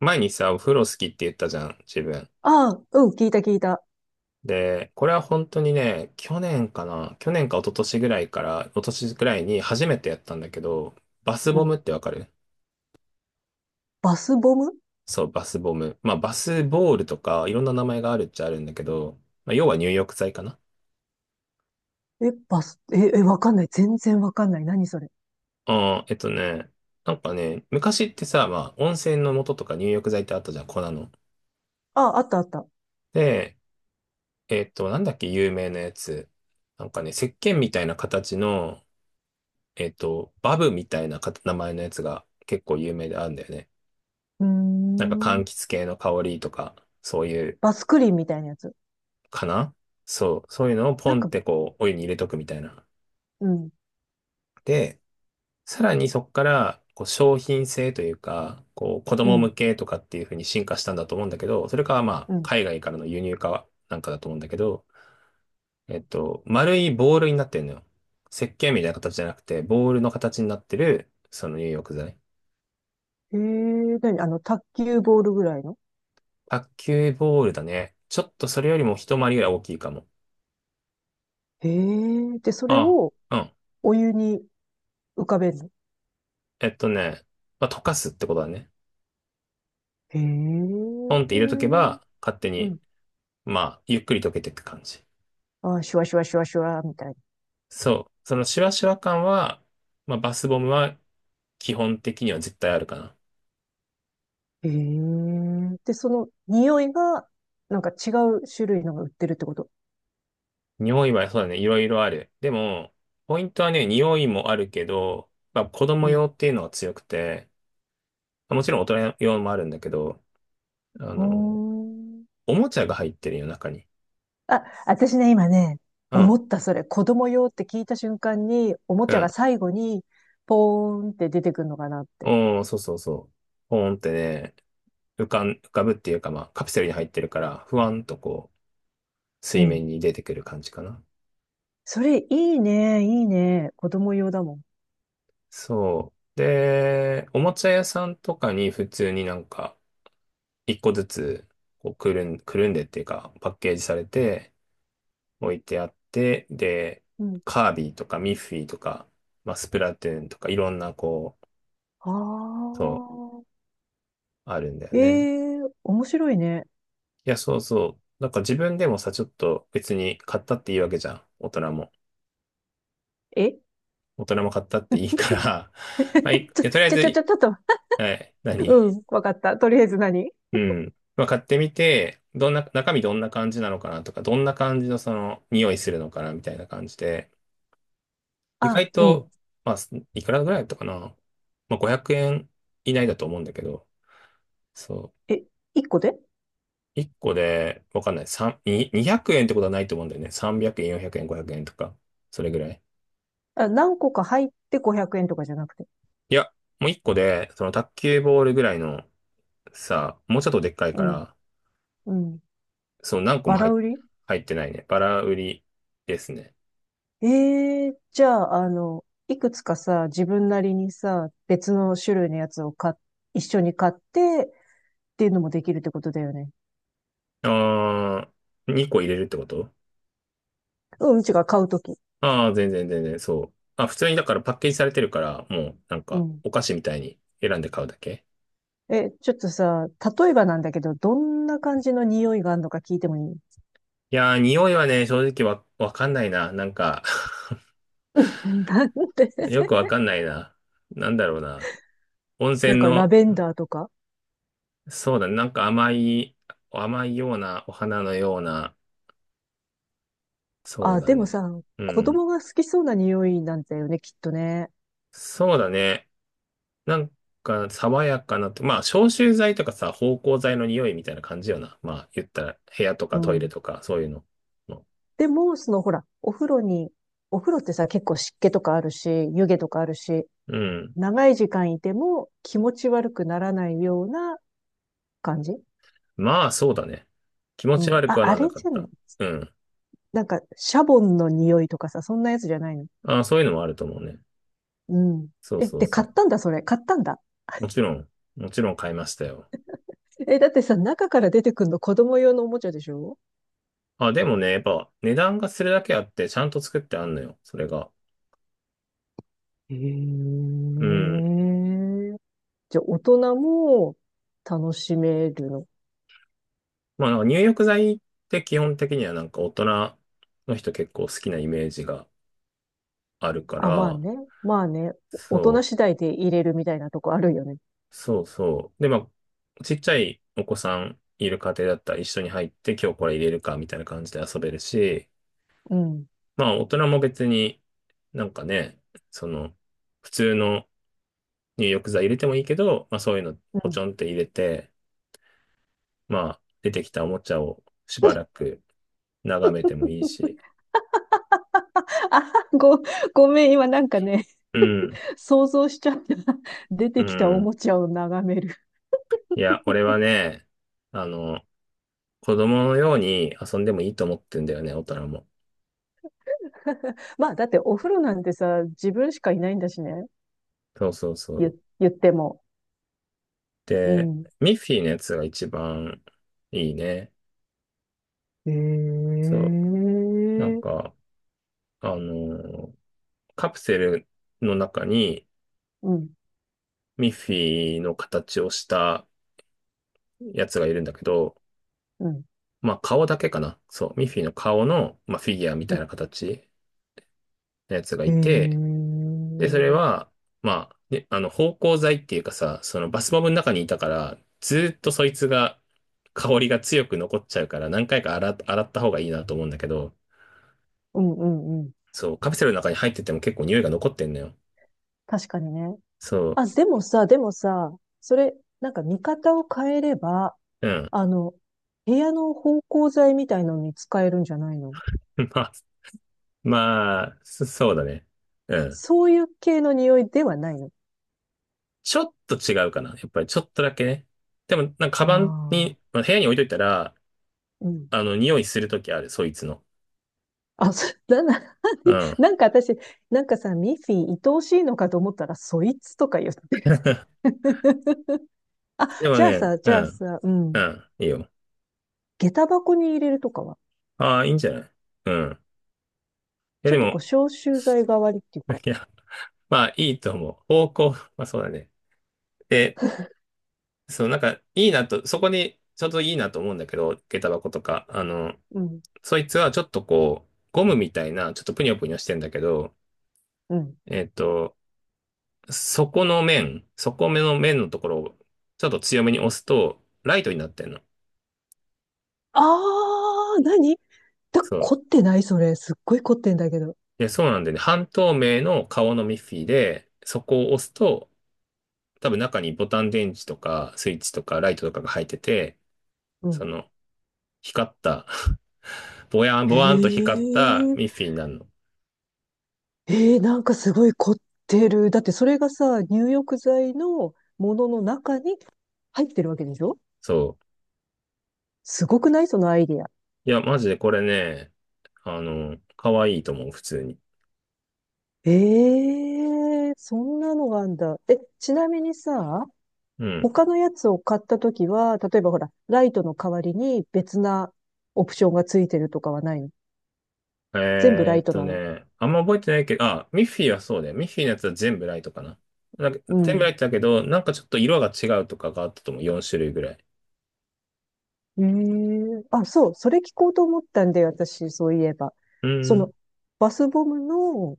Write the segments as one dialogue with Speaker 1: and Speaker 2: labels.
Speaker 1: 前にさ、お風呂好きって言ったじゃん、自分。
Speaker 2: ああ、うん、聞いた聞いた。
Speaker 1: で、これは本当にね、去年かな、去年か一昨年ぐらいから、一昨年ぐらいに初めてやったんだけど、バス
Speaker 2: う
Speaker 1: ボムっ
Speaker 2: ん。
Speaker 1: てわかる？
Speaker 2: バスボム？
Speaker 1: そう、バスボム。まあ、バスボールとか、いろんな名前があるっちゃあるんだけど、まあ、要は入浴剤かな。
Speaker 2: え、バス、え、え、わかんない。全然わかんない。何それ？
Speaker 1: うん、なんかね、昔ってさ、まあ、温泉の素とか入浴剤ってあったじゃん、粉の。
Speaker 2: ああ、あったあった。
Speaker 1: で、なんだっけ、有名なやつ。なんかね、石鹸みたいな形の、バブみたいなか名前のやつが結構有名であるんだよね。
Speaker 2: うー
Speaker 1: なんか柑
Speaker 2: ん。
Speaker 1: 橘系の香りとか、そういう、
Speaker 2: バスクリーンみたいなやつ。
Speaker 1: かな。そう、そういうのをポ
Speaker 2: なん
Speaker 1: ンっ
Speaker 2: か、
Speaker 1: てこう、お湯に入れとくみたいな。
Speaker 2: うん、
Speaker 1: で、さらにそこから、こう、商品性というか、こう、子
Speaker 2: う
Speaker 1: 供
Speaker 2: ん、
Speaker 1: 向けとかっていう風に進化したんだと思うんだけど、それか、まあ、
Speaker 2: うん。
Speaker 1: 海外からの輸入化なんかだと思うんだけど、丸いボールになってるのよ。石鹸みたいな形じゃなくて、ボールの形になってる、その入浴剤。
Speaker 2: へえ、何？卓球ボールぐらいの？
Speaker 1: 卓球ボールだね。ちょっとそれよりも一回りぐらい大きいかも。
Speaker 2: へえ、で、それ
Speaker 1: あ
Speaker 2: を
Speaker 1: あ、うん。
Speaker 2: お湯に浮かべるの？
Speaker 1: えっとね、まあ、溶かすってことだね。
Speaker 2: へえ、
Speaker 1: ポンって入れとけ
Speaker 2: う
Speaker 1: ば、勝手に、
Speaker 2: ん。
Speaker 1: まあ、ゆっくり溶けていく感じ。
Speaker 2: あ、シュワシュワシュワシュワ、みたいな。
Speaker 1: そう。そのシュワシュワ感は、まあ、バスボムは基本的には絶対あるかな。
Speaker 2: へえ、で、その匂いが、なんか違う種類のが売ってるってこと？
Speaker 1: 匂いはそうだね、いろいろある。でも、ポイントはね、匂いもあるけど、まあ、子
Speaker 2: う
Speaker 1: 供
Speaker 2: ん。
Speaker 1: 用っていうのが強くて、まあもちろん大人用もあるんだけど、あ
Speaker 2: お
Speaker 1: の、
Speaker 2: ー、
Speaker 1: おもちゃが入ってるよ、中に。
Speaker 2: あ、私ね、今ね、
Speaker 1: う
Speaker 2: 思
Speaker 1: ん。
Speaker 2: ったそれ、子供用って聞いた瞬間に、おも
Speaker 1: う
Speaker 2: ちゃ
Speaker 1: ん
Speaker 2: が最後に、ポーンって出てくるのかなって。
Speaker 1: うん、そうそうそう。ポーンってね、浮かぶっていうか、まあ、カプセルに入ってるから、ふわんとこう、
Speaker 2: う
Speaker 1: 水
Speaker 2: ん。
Speaker 1: 面に出てくる感じかな。
Speaker 2: それ、いいね、いいね。子供用だもん。
Speaker 1: そう。で、おもちゃ屋さんとかに普通になんか、一個ずつ、こう、くるんでっていうか、パッケージされて、置いてあって、で、
Speaker 2: うん。
Speaker 1: カービィとかミッフィーとか、まあ、スプラトゥーンとか、いろんな、こう、
Speaker 2: あ
Speaker 1: そう、
Speaker 2: あ。
Speaker 1: あるんだよ
Speaker 2: え
Speaker 1: ね。
Speaker 2: えー、面白いね。
Speaker 1: いや、そうそう。なんか自分でもさ、ちょっと別に買ったっていいわけじゃん、大人も。
Speaker 2: え、
Speaker 1: 大人も買ったっていいから、
Speaker 2: ちょ、
Speaker 1: まあ、いえとりあえ
Speaker 2: ちょ、
Speaker 1: ず、
Speaker 2: ちょ、ちょ、ちょっと。
Speaker 1: はい、何？
Speaker 2: うん、わかった。とりあえず何？
Speaker 1: うん。まあ、買ってみて、どんな、中身どんな感じなのかなとか、どんな感じのその、匂いするのかなみたいな感じで、意
Speaker 2: あ、
Speaker 1: 外
Speaker 2: う
Speaker 1: と、
Speaker 2: ん。
Speaker 1: まあ、すいくらぐらいだったかな、まあ、500円以内だと思うんだけど、そ
Speaker 2: え、1個で？
Speaker 1: う。1個で、わかんない。3、に200円ってことはないと思うんだよね。300円、400円、500円とか、それぐらい。
Speaker 2: あ、何個か入って500円とかじゃなくて？
Speaker 1: いや、もう1個で、その卓球ボールぐらいの、さ、もうちょっとでっかい
Speaker 2: う
Speaker 1: か
Speaker 2: ん、
Speaker 1: ら、
Speaker 2: うん。
Speaker 1: その何個も
Speaker 2: バラ売り？
Speaker 1: 入ってないね。バラ売りですね。
Speaker 2: ええー、じゃあ、いくつかさ、自分なりにさ、別の種類のやつを一緒に買ってっていうのもできるってことだよね？
Speaker 1: ああ、2個入れるってこと？
Speaker 2: うん、違う、買うとき。
Speaker 1: ああー、全然全然、そう。あ、普通にだからパッケージされてるから、もうなん
Speaker 2: う
Speaker 1: か
Speaker 2: ん。
Speaker 1: お菓子みたいに選んで買うだけ。
Speaker 2: え、ちょっとさ、例えばなんだけど、どんな感じの匂いがあるのか聞いてもいい？
Speaker 1: いやー、匂いはね、正直わかんないな。なんか
Speaker 2: なんで？
Speaker 1: よくわか んないな。なんだろうな。温
Speaker 2: なん
Speaker 1: 泉
Speaker 2: かラ
Speaker 1: の、
Speaker 2: ベンダーとか。
Speaker 1: そうだね、なんか甘い、甘いような、お花のような、そう
Speaker 2: あ、
Speaker 1: だ
Speaker 2: で
Speaker 1: ね。
Speaker 2: もさ、
Speaker 1: う
Speaker 2: 子
Speaker 1: ん。
Speaker 2: 供が好きそうな匂いなんだよね、きっとね。
Speaker 1: そうだね。なんか、爽やかなと、まあ、消臭剤とかさ、芳香剤の匂いみたいな感じよな。まあ、言ったら、部屋と
Speaker 2: う
Speaker 1: かトイレ
Speaker 2: ん。
Speaker 1: とか、そういうの。
Speaker 2: でも、そのほら、お風呂ってさ、結構湿気とかあるし、湯気とかあるし、
Speaker 1: うん。
Speaker 2: 長い時間いても気持ち悪くならないような感じ。
Speaker 1: まあ、そうだね。気持
Speaker 2: う
Speaker 1: ち
Speaker 2: ん。
Speaker 1: 悪く
Speaker 2: あ、
Speaker 1: は
Speaker 2: あ
Speaker 1: なんな
Speaker 2: れ
Speaker 1: かっ
Speaker 2: じゃな
Speaker 1: た。
Speaker 2: い？
Speaker 1: うん。
Speaker 2: なんか、シャボンの匂いとかさ、そんなやつじゃないの？
Speaker 1: ああ、そういうのもあると思うね。
Speaker 2: うん。
Speaker 1: そう
Speaker 2: え、
Speaker 1: そう
Speaker 2: で、買っ
Speaker 1: そ
Speaker 2: たんだ、それ。買ったんだ。
Speaker 1: う。もちろん、もちろん買いましたよ。
Speaker 2: え、だってさ、中から出てくるの子供用のおもちゃでしょ？
Speaker 1: あ、でもね、やっぱ、値段がするだけあって、ちゃんと作ってあんのよ、それが。
Speaker 2: へえ。
Speaker 1: うん。
Speaker 2: じゃあ、大人も楽しめるの？
Speaker 1: まあ、なんか入浴剤って基本的にはなんか大人の人結構好きなイメージがあるか
Speaker 2: あ、まあ
Speaker 1: ら、
Speaker 2: ね。まあね。大人
Speaker 1: そう。
Speaker 2: 次第で入れるみたいなとこあるよね。
Speaker 1: そうそう。で、まあ、ちっちゃいお子さんいる家庭だったら一緒に入って今日これ入れるかみたいな感じで遊べるし、
Speaker 2: うん。
Speaker 1: まあ大人も別になんかね、その普通の入浴剤入れてもいいけど、まあそういうの
Speaker 2: う
Speaker 1: ポチ
Speaker 2: ん。
Speaker 1: ョンって入れて、まあ出てきたおもちゃをしばらく眺めてもいいし。
Speaker 2: あ、ごめん、今なんかね、
Speaker 1: うん、
Speaker 2: 想像しちゃった。出
Speaker 1: う
Speaker 2: てきたお
Speaker 1: ん。
Speaker 2: もちゃを眺める。
Speaker 1: いや、俺はね、あの、子供のように遊んでもいいと思ってんだよね、大人も。
Speaker 2: まあ、だってお風呂なんてさ、自分しかいないんだしね。
Speaker 1: そうそうそ
Speaker 2: 言、
Speaker 1: う。
Speaker 2: 言っても。う
Speaker 1: で、
Speaker 2: ん。
Speaker 1: ミッフィーのやつが一番いいね。
Speaker 2: え
Speaker 1: そう。なん
Speaker 2: ー、
Speaker 1: か、あのーカプセルの中に
Speaker 2: うん。
Speaker 1: ミッフィーの形をしたやつがいるんだけど、
Speaker 2: うん。
Speaker 1: まあ顔だけかな。そう。ミッフィーの顔の、まあ、フィギュアみ
Speaker 2: う
Speaker 1: たい
Speaker 2: ん。
Speaker 1: な形のやつが
Speaker 2: え
Speaker 1: いて、で、それ
Speaker 2: ー、
Speaker 1: は、まあ、ね、芳香剤っていうかさ、そのバスボムの中にいたから、ずーっとそいつが、香りが強く残っちゃうから、何回か洗った方がいいなと思うんだけど、
Speaker 2: うん。うんうん。
Speaker 1: そう、カプセルの中に入ってても結構匂いが残ってんのよ。
Speaker 2: 確かにね。
Speaker 1: そ
Speaker 2: あ、でもさ、でもさ、それ、なんか見方を変えれば、
Speaker 1: う、うん。
Speaker 2: あの、部屋の芳香剤みたいのに使えるんじゃないの？
Speaker 1: まあ、まあ、そそうだね。うん。
Speaker 2: そういう系の匂いではないの？
Speaker 1: ちょっと違うかな。やっぱりちょっとだけね。でも、なんかカバンに、
Speaker 2: あ
Speaker 1: まあ、部屋に置いといたら、
Speaker 2: あー、うん。
Speaker 1: 匂いするときある、そいつの。
Speaker 2: あ、そ、な、な、
Speaker 1: うん。
Speaker 2: なんか私、なんかさ、ミッフィー、愛おしいのかと思ったら、そいつとか言って。あ、
Speaker 1: でも
Speaker 2: じゃあ
Speaker 1: ね、
Speaker 2: さ、じ
Speaker 1: う
Speaker 2: ゃあ
Speaker 1: ん、
Speaker 2: さ、う
Speaker 1: う
Speaker 2: ん。
Speaker 1: ん、いいよ。
Speaker 2: 下駄箱に入れるとかは、
Speaker 1: ああ、いいんじゃない？うん。いや、
Speaker 2: ちょ
Speaker 1: で
Speaker 2: っとこう、
Speaker 1: も、
Speaker 2: 消臭剤代わりっていうか、
Speaker 1: いや、まあ、いいと思う。方向、まあ、そうだね。で、そう、なんか、いいなと、そこに、ちょうどいいなと思うんだけど、下駄箱とか、
Speaker 2: うん、
Speaker 1: そいつはちょっとこう、ゴムみたいな、ちょっとぷにょぷにょしてんだけど、
Speaker 2: うん。
Speaker 1: えっと、底目の面のところをちょっと強めに押すと、ライトになってんの。
Speaker 2: あー、何だ、
Speaker 1: そう。
Speaker 2: 凝ってない？それ。すっごい凝ってんだけど。
Speaker 1: で、そうなんでね、半透明の顔のミッフィーで、そこを押すと、多分中にボタン電池とか、スイッチとか、ライトとかが入ってて、
Speaker 2: う
Speaker 1: そ
Speaker 2: ん。
Speaker 1: の、光った ぼやん、
Speaker 2: へ
Speaker 1: ぼわんと光った
Speaker 2: え、
Speaker 1: ミッフィーになるの。
Speaker 2: えー、なんかすごい凝ってる。だってそれがさ、入浴剤のものの中に入ってるわけでしょ？
Speaker 1: そ
Speaker 2: すごくない？そのアイディア。
Speaker 1: う。いや、マジでこれね、可愛いと思う、普通に。
Speaker 2: ええ、そんなのがあんだ。え、ちなみにさ、
Speaker 1: うん。
Speaker 2: 他のやつを買ったときは、例えばほら、ライトの代わりに別なオプションがついてるとかはないの？全部ライトなの？
Speaker 1: あんま覚えてないけど、あ、ミッフィーはそうだよ。ミッフィーのやつは全部ライトかな。なんか
Speaker 2: う
Speaker 1: 全部ラ
Speaker 2: ん。
Speaker 1: イトだけど、なんかちょっと色が違うとかがあったと思う。4種類ぐらい。
Speaker 2: ええ、あ、そう、それ聞こうと思ったんだよ、私、そういえば。
Speaker 1: う
Speaker 2: そ
Speaker 1: ーん、
Speaker 2: の、バスボムの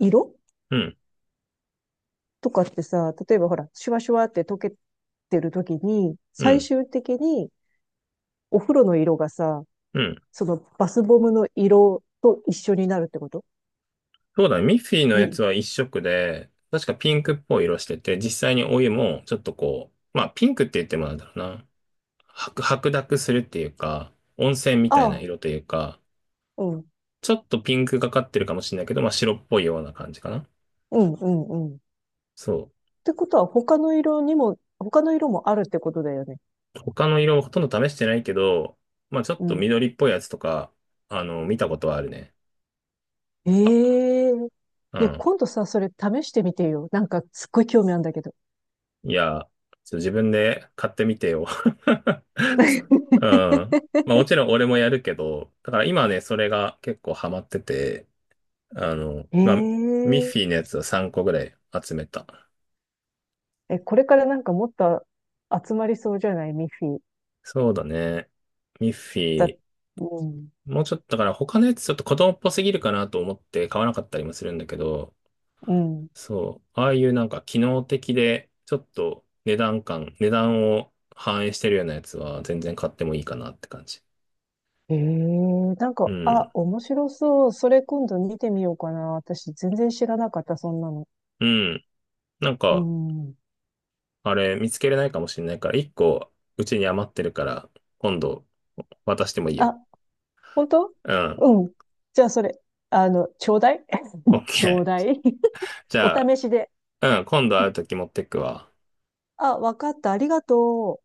Speaker 2: 色
Speaker 1: うん、
Speaker 2: とかってさ、例えばほら、シュワシュワって溶けてるときに、
Speaker 1: う
Speaker 2: 最
Speaker 1: ん、
Speaker 2: 終的にお風呂の色がさ、
Speaker 1: うん。
Speaker 2: そのバスボムの色と一緒になるってこと？
Speaker 1: そうだね。ミッフィーのや
Speaker 2: み、
Speaker 1: つは一色で、確かピンクっぽい色してて、実際にお湯もちょっとこう、まあピンクって言ってもなんだろうな。白濁するっていうか、温泉み
Speaker 2: あ
Speaker 1: たいな
Speaker 2: あ、
Speaker 1: 色というか、
Speaker 2: うん、
Speaker 1: ちょっとピンクがかってるかもしれないけど、まあ白っぽいような感じかな。
Speaker 2: うん、うん、うん。っ
Speaker 1: そう。
Speaker 2: てことは、他の色もあるってことだよね。
Speaker 1: 他の色もほとんど試してないけど、まあちょっ
Speaker 2: う
Speaker 1: と
Speaker 2: ん。
Speaker 1: 緑っぽいやつとか、見たことはあるね。
Speaker 2: ええ、
Speaker 1: う
Speaker 2: で、
Speaker 1: ん。
Speaker 2: 今度さ、それ試してみてよ。なんか、すっごい興味あるんだけど。
Speaker 1: いや、ちょっと自分で買ってみてよ。う ん。まあもちろん俺もやるけど、だから今ね、それが結構ハマってて、
Speaker 2: え
Speaker 1: まあ、ミッフィー
Speaker 2: え
Speaker 1: のやつを3個ぐらい集めた。
Speaker 2: え、これからなんかもっと集まりそうじゃない？ミッフィー。
Speaker 1: そうだね。ミッフィ
Speaker 2: だ、
Speaker 1: ー。
Speaker 2: うん、
Speaker 1: もうちょっと、だから他のやつちょっと子供っぽすぎるかなと思って買わなかったりもするんだけど、
Speaker 2: うん。
Speaker 1: そう。ああいうなんか機能的で、ちょっと値段を反映してるようなやつは全然買ってもいいかなって感じ。
Speaker 2: ええ、なん
Speaker 1: う
Speaker 2: か、あ、
Speaker 1: ん。
Speaker 2: 面白そう。それ今度見てみようかな。私全然知らなかった、そんなの。
Speaker 1: うん。なん
Speaker 2: う
Speaker 1: か、
Speaker 2: ん。
Speaker 1: あれ見つけれないかもしれないから、一個うちに余ってるから、今度渡してもいいよ。
Speaker 2: あ、本当？
Speaker 1: うん。
Speaker 2: うん。じゃあ、それ、ちょうだい。
Speaker 1: オッ
Speaker 2: ちょう
Speaker 1: ケ
Speaker 2: だ
Speaker 1: ー。
Speaker 2: い。
Speaker 1: じ
Speaker 2: お
Speaker 1: ゃあ、
Speaker 2: 試しで。
Speaker 1: うん、今度会うとき持ってくわ。
Speaker 2: あ、わかった。ありがとう。